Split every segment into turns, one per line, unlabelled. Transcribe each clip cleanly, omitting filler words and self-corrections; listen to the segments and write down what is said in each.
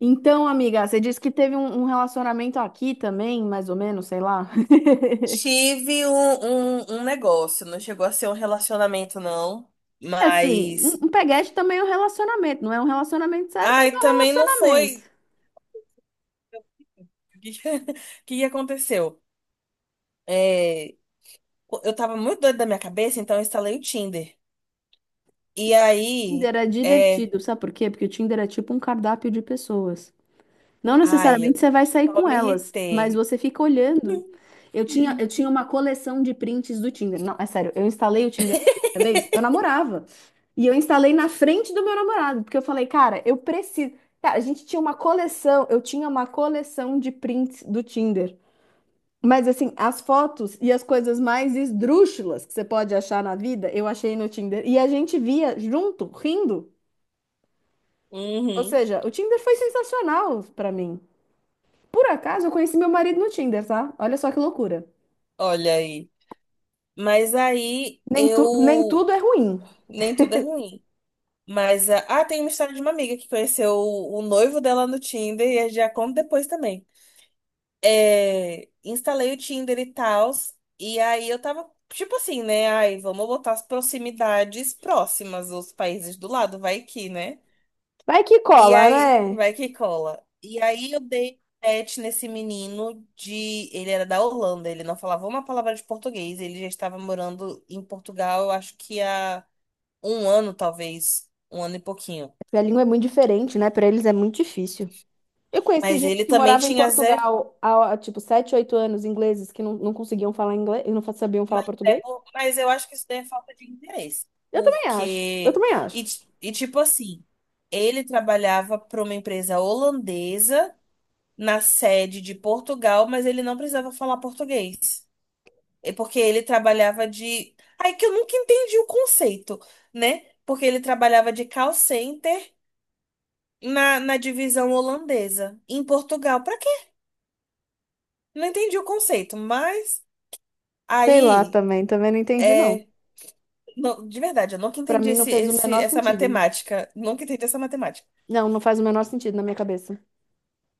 Então, amiga, você disse que teve um relacionamento aqui também, mais ou menos, sei lá.
Tive um negócio, não chegou a ser um relacionamento, não.
Assim,
Mas.
um peguete também é um relacionamento, não é um relacionamento sério, mas é
Ai,
um
também não
relacionamento.
foi. O que que aconteceu? É, eu tava muito doida da minha cabeça, então eu instalei o Tinder. E aí.
Tinder é
É.
divertido, sabe por quê? Porque o Tinder é tipo um cardápio de pessoas. Não
Ai,
necessariamente
eu
você vai sair
só
com
me
elas, mas
irritei.
você fica olhando. Eu tinha uma coleção de prints do Tinder. Não, é sério, eu instalei o Tinder a primeira vez, eu namorava. E eu instalei na frente do meu namorado, porque eu falei, cara, eu preciso. Cara, a gente tinha uma coleção, eu tinha uma coleção de prints do Tinder. Mas assim, as fotos e as coisas mais esdrúxulas que você pode achar na vida, eu achei no Tinder. E a gente via junto, rindo. Ou
Uhum,
seja, o Tinder foi sensacional pra mim. Por acaso, eu conheci meu marido no Tinder, tá? Olha só que loucura.
olha aí. Mas aí
Nem
eu.
tudo é ruim.
Nem tudo é ruim. Mas, tem uma história de uma amiga que conheceu o noivo dela no Tinder e eu já conto depois também. É, instalei o Tinder e tal, e aí eu tava, tipo assim, né? Ai, vamos botar as proximidades próximas, os países do lado, vai que, né?
Vai que
E
cola,
aí,
né?
vai que cola. E aí eu dei match nesse menino de. Ele era da Holanda, ele não falava uma palavra de português, ele já estava morando em Portugal, eu acho que há um ano, talvez, um ano e pouquinho.
Porque a língua é muito diferente, né? Pra eles é muito difícil. Eu conheci
Mas
gente
ele
que
também
morava em
tinha zero.
Portugal há tipo, 7, 8 anos, ingleses, que não conseguiam falar inglês e não sabiam falar
Mas, é
português.
por- mas eu acho que isso daí é falta de interesse.
Eu também acho. Eu
Porque.
também
E,
acho.
ti- e tipo assim, ele trabalhava para uma empresa holandesa na sede de Portugal, mas ele não precisava falar português. É porque ele trabalhava de. Aí que eu nunca entendi o conceito, né? Porque ele trabalhava de call center na divisão holandesa, em Portugal. Pra quê? Não entendi o conceito, mas
Sei lá
aí.
também, também não entendi, não.
é, Não, de verdade, eu nunca
Pra
entendi
mim não
esse,
fez o
esse,
menor
essa
sentido.
matemática. Nunca entendi essa matemática.
Não, não faz o menor sentido na minha cabeça.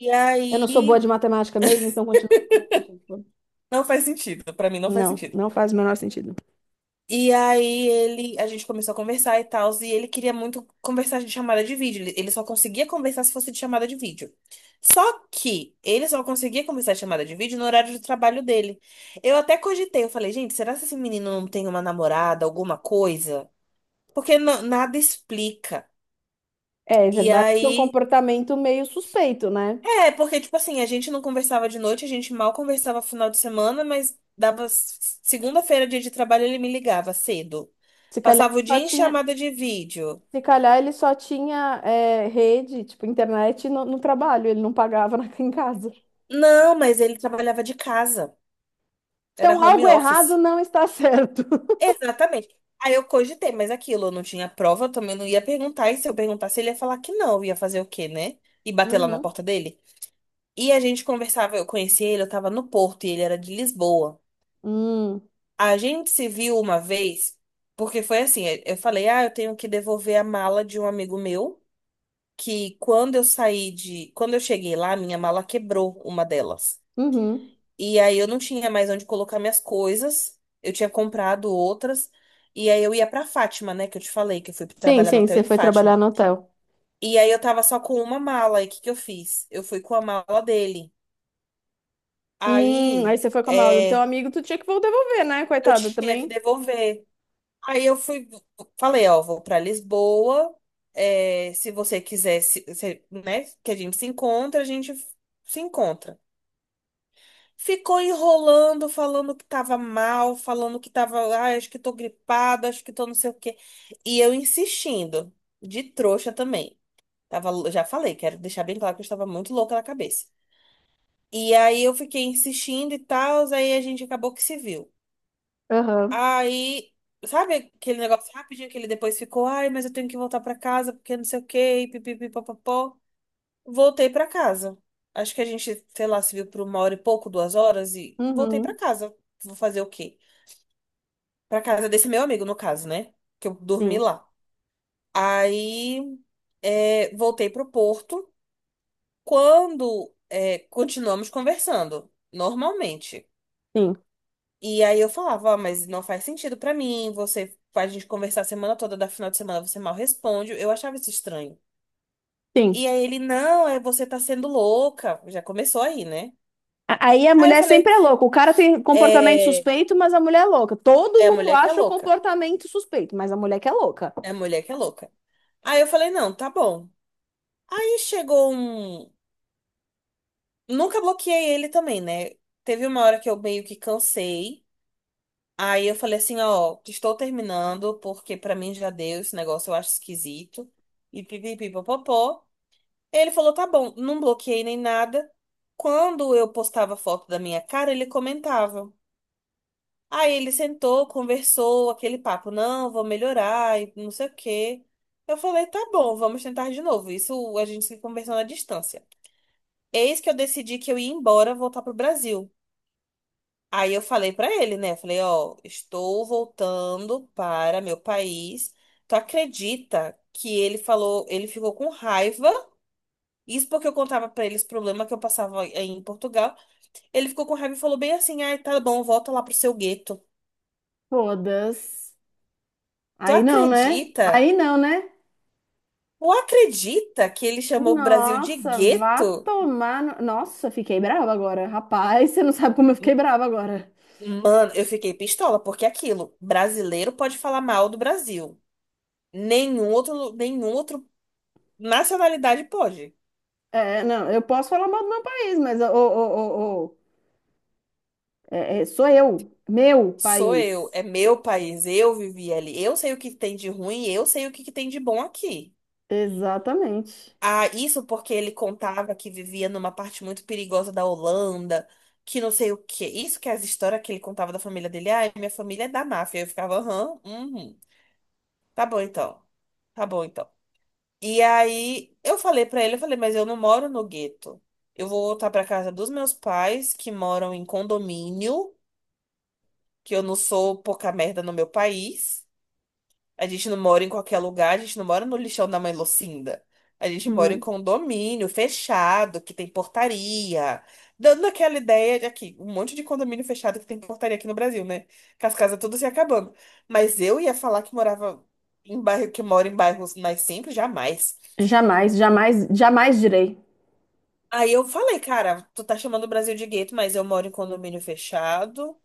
E
Eu não sou boa de
aí,
matemática mesmo, então continua não fazendo sentido.
não faz sentido. Pra mim, não faz
Não,
sentido.
não faz o menor sentido.
E aí, ele, a gente começou a conversar e tal, e ele queria muito conversar de chamada de vídeo. Ele só conseguia conversar se fosse de chamada de vídeo. Só que ele só conseguia conversar de chamada de vídeo no horário de trabalho dele. Eu até cogitei, eu falei, gente, será que esse menino não tem uma namorada, alguma coisa? Porque nada explica.
É, é
E
verdade que é um
aí.
comportamento meio suspeito, né?
É, porque, tipo assim, a gente não conversava de noite, a gente mal conversava final de semana, mas dava segunda-feira, dia de trabalho, ele me ligava cedo.
Se calhar ele
Passava o
só
dia em
tinha,
chamada de vídeo.
se calhar ele só tinha rede, tipo, internet no trabalho, ele não pagava em casa.
Não, mas ele trabalhava de casa. Era
Então, algo
home office.
errado não está certo.
Exatamente. Aí eu cogitei, mas aquilo, eu não tinha prova, eu também não ia perguntar. E se eu perguntasse, ele ia falar que não, eu ia fazer o quê, né? E bater lá na
Uhum.
porta dele. E a gente conversava, eu conheci ele, eu tava no Porto e ele era de Lisboa.
Hum,
A gente se viu uma vez, porque foi assim, eu falei, ah, eu tenho que devolver a mala de um amigo meu, que quando eu saí de, quando eu cheguei lá, minha mala quebrou uma delas.
uhum.
E aí eu não tinha mais onde colocar minhas coisas, eu tinha comprado outras, e aí eu ia pra Fátima, né, que eu te falei que eu fui
Sim,
trabalhar no
sim,
hotel
você
em
foi trabalhar
Fátima.
no hotel.
E aí eu tava só com uma mala, e o que que eu fiz? Eu fui com a mala dele.
Aí
Aí,
você foi com a mala do teu amigo, tu tinha que devolver, né,
eu
coitada,
tinha que
também?
devolver. Aí eu fui, falei, ó, vou pra Lisboa. Se você quiser, né, que a gente se encontra, a gente se encontra. Ficou enrolando, falando que tava mal, falando que tava, ah, acho que tô gripada, acho que tô não sei o quê. E eu insistindo, de trouxa também. Tava, já falei, quero deixar bem claro que eu estava muito louca na cabeça. E aí eu fiquei insistindo e tal, aí a gente acabou que se viu.
Aham.
Aí, sabe aquele negócio rapidinho que ele depois ficou, ai, mas eu tenho que voltar pra casa porque não sei o quê, e pipipi, papapó. Voltei pra casa. Acho que a gente, sei lá, se viu por uma hora e pouco, 2 horas e voltei pra
Uhum.
casa. Vou fazer o quê? Pra casa desse meu amigo, no caso, né? Que eu dormi
Sim,
lá. Aí, voltei pro Porto. Quando, continuamos conversando, normalmente.
sim,
E aí eu falava, ó, mas não faz sentido pra mim, você a gente conversar a semana toda, da final de semana você mal responde. Eu achava isso estranho.
sim.
E aí ele, não, é você tá sendo louca. Já começou aí, né?
Aí a
Aí eu
mulher
falei,
sempre é louca. O cara tem comportamento
é,
suspeito, mas a mulher é louca. Todo
é a
mundo
mulher que é
acha o
louca.
comportamento suspeito, mas a mulher que é louca.
É a mulher que é louca. Aí eu falei, não, tá bom. Aí chegou um. Nunca bloqueei ele também, né? Teve uma hora que eu meio que cansei. Aí eu falei assim, ó, estou terminando, porque pra mim já deu esse negócio, eu acho esquisito. E pipipipopopó. Ele falou, tá bom, não bloqueei nem nada. Quando eu postava foto da minha cara, ele comentava. Aí ele sentou, conversou, aquele papo, não, vou melhorar e não sei o quê. Eu falei, tá bom, vamos tentar de novo. Isso a gente se conversou na distância. Eis que eu decidi que eu ia embora, voltar pro Brasil. Aí eu falei pra ele, né? Falei, ó, estou voltando para meu país. Tu acredita que ele falou, ele ficou com raiva. Isso porque eu contava pra ele os problemas que eu passava aí em Portugal. Ele ficou com raiva e falou bem assim: ai, tá bom, volta lá pro seu gueto.
Todas.
Tu
Aí não, né?
acredita?
Aí não, né?
Tu acredita que ele chamou o Brasil de
Nossa, vá
gueto?
tomar. Nossa, fiquei brava agora. Rapaz, você não sabe como eu fiquei brava agora.
Mano, eu fiquei pistola, porque é aquilo, brasileiro pode falar mal do Brasil. Nenhum outro nacionalidade pode.
É, não, eu posso falar mal do meu país, mas ô, ô, ô, ô, é, é, sou eu, meu
Sou eu,
país.
é meu país, eu vivi ali. Eu sei o que tem de ruim, eu sei o que que tem de bom aqui.
Exatamente.
Ah, isso porque ele contava que vivia numa parte muito perigosa da Holanda, que não sei o quê. Isso que é as histórias que ele contava da família dele. Ah, minha família é da máfia. Eu ficava, aham, uhum, tá bom então. Tá bom então. E aí eu falei pra ele, eu falei, mas eu não moro no gueto. Eu vou voltar pra casa dos meus pais, que moram em condomínio, que eu não sou pouca merda no meu país. A gente não mora em qualquer lugar, a gente não mora no lixão da mãe Lucinda. A gente mora em
Hum.
condomínio fechado, que tem portaria. Dando aquela ideia de aqui, um monte de condomínio fechado que tem portaria aqui no Brasil, né? Que as casas tudo se acabando. Mas eu ia falar que morava em bairro, que mora em bairros nascentes, jamais.
Jamais, jamais, jamais direi.
Aí eu falei, cara, tu tá chamando o Brasil de gueto, mas eu moro em condomínio fechado.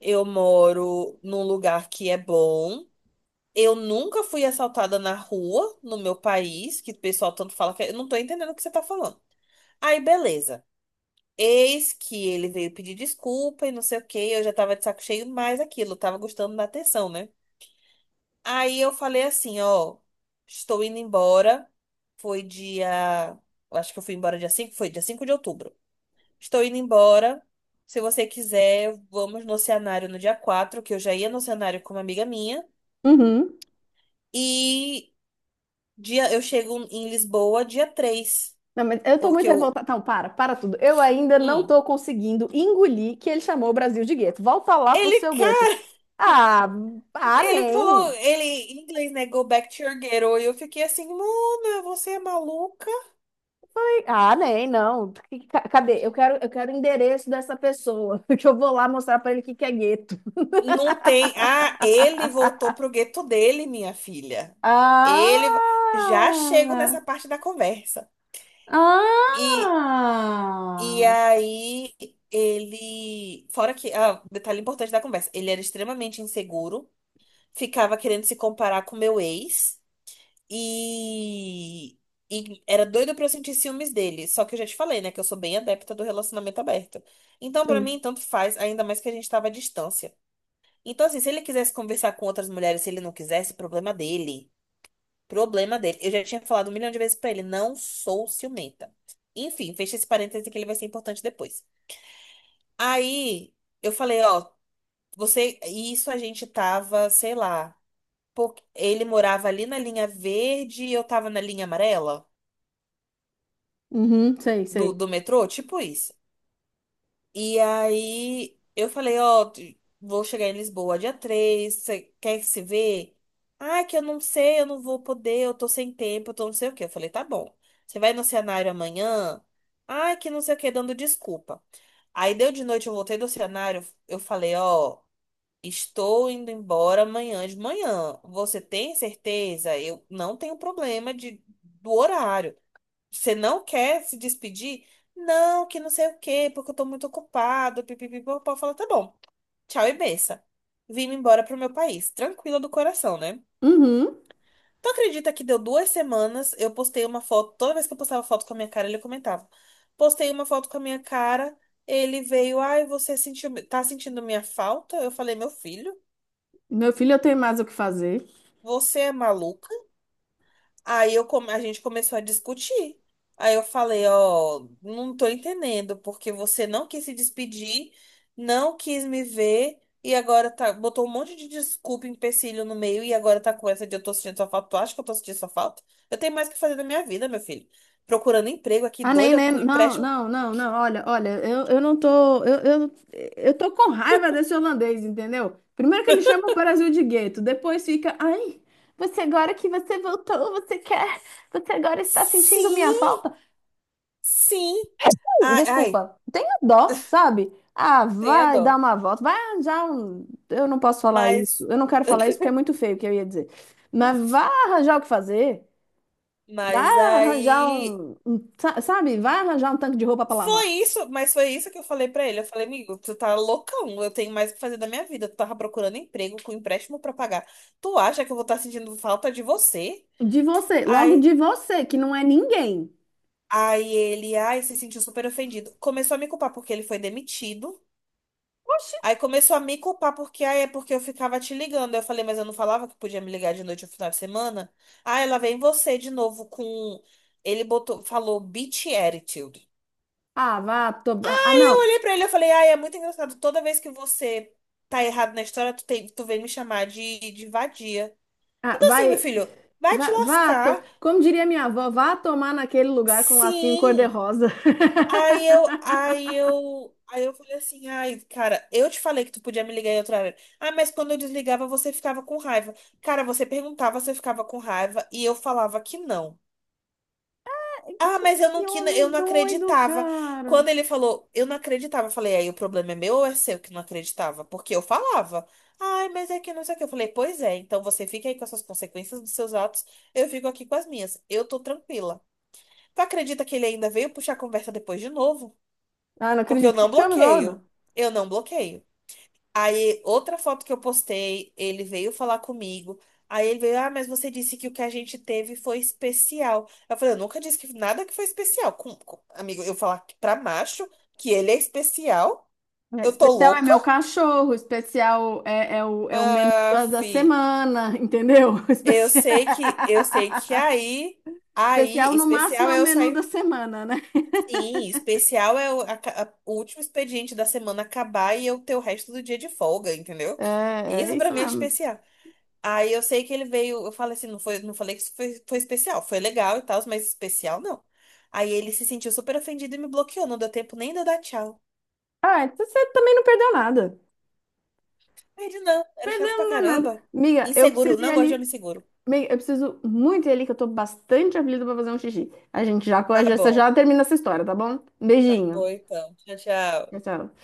Eu moro num lugar que é bom. Eu nunca fui assaltada na rua, no meu país, que o pessoal tanto fala que eu não tô entendendo o que você tá falando. Aí, beleza. Eis que ele veio pedir desculpa e não sei o que. Eu já tava de saco cheio mais aquilo, eu tava gostando da atenção, né? Aí eu falei assim, ó, estou indo embora. Foi dia, eu acho que eu fui embora dia 5. Foi dia 5 de outubro. Estou indo embora. Se você quiser, vamos no cenário no dia 4, que eu já ia no cenário com uma amiga minha.
Uhum.
E dia, eu chego em Lisboa dia 3
Não, mas eu tô muito
porque eu.
revoltada. Não, para, para tudo. Eu ainda não
Hum.
tô conseguindo engolir que ele chamou o Brasil de gueto. Volta lá pro
Ele,
seu gueto.
cara,
Ah, ah,
ele falou,
nem.
ele em inglês, né? Go back to your ghetto. E eu fiquei assim, Luna, você é maluca?
Ah, nem, não. Cadê? Eu quero o endereço dessa pessoa, que eu vou lá mostrar pra ele o que que é gueto.
Não tem. Ah, ele voltou pro gueto dele, minha filha. Ele.
Ah!
Já chego nessa parte da conversa. E, e
Ah!
aí, ele. Fora que. Ah, detalhe importante da conversa. Ele era extremamente inseguro, ficava querendo se comparar com meu ex. E, e era doida pra eu sentir ciúmes dele. Só que eu já te falei, né? Que eu sou bem adepta do relacionamento aberto. Então, pra mim,
Sim.
tanto faz, ainda mais que a gente tava à distância. Então, assim, se ele quisesse conversar com outras mulheres, se ele não quisesse, problema dele. Problema dele. Eu já tinha falado um milhão de vezes pra ele, não sou ciumenta. Enfim, fecha esse parêntese que ele vai ser importante depois. Aí, eu falei, ó, você. E isso a gente tava, sei lá. Porque ele morava ali na linha verde e eu tava na linha amarela.
Uhum, sei,
do,
sei.
do metrô, tipo isso. E aí eu falei, ó, vou chegar em Lisboa dia 3, você quer se ver? Ah, que eu não sei, eu não vou poder, eu tô sem tempo, eu tô não sei o quê. Eu falei, tá bom. Você vai no cenário amanhã? Ah, que não sei o quê, dando desculpa. Aí deu de noite, eu voltei do cenário, eu falei, ó, estou indo embora amanhã de manhã. Você tem certeza? Eu não tenho problema de, do horário. Você não quer se despedir? Não, que não sei o quê, porque eu tô muito ocupado. Pipipipopó. Fala, tá bom, tchau e benção. Vim embora pro meu país, tranquila do coração, né?
Uhum.
Tu acredita que deu 2 semanas, eu postei uma foto, toda vez que eu postava foto com a minha cara, ele comentava. Postei uma foto com a minha cara, ele veio, ai, você sentiu, tá sentindo minha falta? Eu falei, meu filho,
Meu filho, eu tenho mais o que fazer.
você é maluco? A gente começou a discutir. Aí eu falei, ó, não tô entendendo, porque você não quis se despedir, não quis me ver, e agora tá, botou um monte de desculpa, empecilho no meio, e agora tá com essa de eu tô sentindo sua falta. Tu acha que eu tô sentindo sua falta? Eu tenho mais o que fazer da minha vida, meu filho. Procurando emprego aqui,
Ah, nem,
doida,
nem,
com
não,
empréstimo.
não, não, não, olha, olha, eu não tô, eu tô com raiva desse holandês, entendeu? Primeiro que ele chama o Brasil de gueto, depois fica, ai, você agora que você voltou, você quer, você agora está sentindo minha
Sim,
falta?
sim.
É assim,
Ai, ai,
desculpa, tenha dó, sabe? Ah,
tenha
vai dar
dó.
uma volta, vai arranjar um, eu não posso falar isso,
Mas,
eu não quero falar isso porque é muito feio o que eu ia dizer, mas vai arranjar o que fazer, vai
mas
arranjar
aí.
um, sabe, vai arranjar um tanque de roupa para
Foi
lavar.
isso, mas foi isso que eu falei pra ele. Eu falei, amigo, tu tá loucão, eu tenho mais o que fazer da minha vida. Tu tava procurando emprego com empréstimo pra pagar. Tu acha que eu vou estar sentindo falta de você?
De você, logo
Aí,
de você, que não é ninguém.
aí ele, ai, se sentiu super ofendido. Começou a me culpar porque ele foi demitido.
Oxi.
Aí começou a me culpar porque, ai, é porque eu ficava te ligando. Aí eu falei, mas eu não falava que podia me ligar de noite no final de semana? Ah, ela vem você de novo com. Ele botou, falou bitch attitude.
Ah, vá, to... ah,
Eu
não.
olhei pra ele e falei, ai, é muito engraçado. Toda vez que você tá errado na história, tu, tem, tu vem me chamar de, vadia.
Ah,
Então assim, meu
vai,
filho, vai te
vá, vá, to...
lascar.
como diria minha avó, vá tomar naquele lugar com lacinho
Sim.
cor-de-rosa.
Aí eu falei assim, ai, cara, eu te falei que tu podia me ligar em outra hora. Ah, mas quando eu desligava, você ficava com raiva. Cara, você perguntava, você ficava com raiva, e eu falava que não. Ah,
Que,
mas eu não,
que
eu
homem
não
doido,
acreditava.
cara.
Quando ele falou, eu não acreditava. Eu falei, aí o problema é meu ou é seu que não acreditava? Porque eu falava, ai, mas é que não sei o que. Eu falei, pois é, então você fica aí com essas consequências dos seus atos, eu fico aqui com as minhas. Eu tô tranquila. Tu acredita que ele ainda veio puxar a conversa depois de novo?
Ah, não
Porque eu
acredito.
não
Que homem
bloqueio.
doido?
Eu não bloqueio. Aí, outra foto que eu postei, ele veio falar comigo. Aí ele veio, ah, mas você disse que o que a gente teve foi especial. Eu falei, eu nunca disse que nada que foi especial. Amigo, eu falar que pra macho que ele é especial,
É,
eu tô
especial é
louca?
meu cachorro, especial é, é o, é o menu
Ah,
da, da
fi,
semana, entendeu? Especial...
eu sei que aí, aí,
especial no máximo
especial
é o
é eu
menu da
sair.
semana, né?
Sim, especial é o, a ca- a- o último expediente da semana acabar e eu ter o resto do dia de folga, entendeu?
É, é
Isso pra
isso
mim é
mesmo.
especial. Aí eu sei que ele veio, eu falei assim, não foi, não falei que isso foi, foi especial, foi legal e tal, mas especial não. Aí ele se sentiu super ofendido e me bloqueou, não deu tempo nem de eu dar tchau.
Ah, então você também não perdeu nada.
Aí ele, não, era chato
Perdeu
pra
não deu nada.
caramba.
Miga, eu
Inseguro,
preciso ir
não gosto de homem
ali.
seguro.
Miga, eu preciso muito ir ali, que eu tô bastante aflita pra fazer um xixi. A gente já,
Tá
já, você
bom,
já termina essa história, tá bom?
tá bom
Beijinho.
então. Tchau,
Tchau,
tchau.
tchau.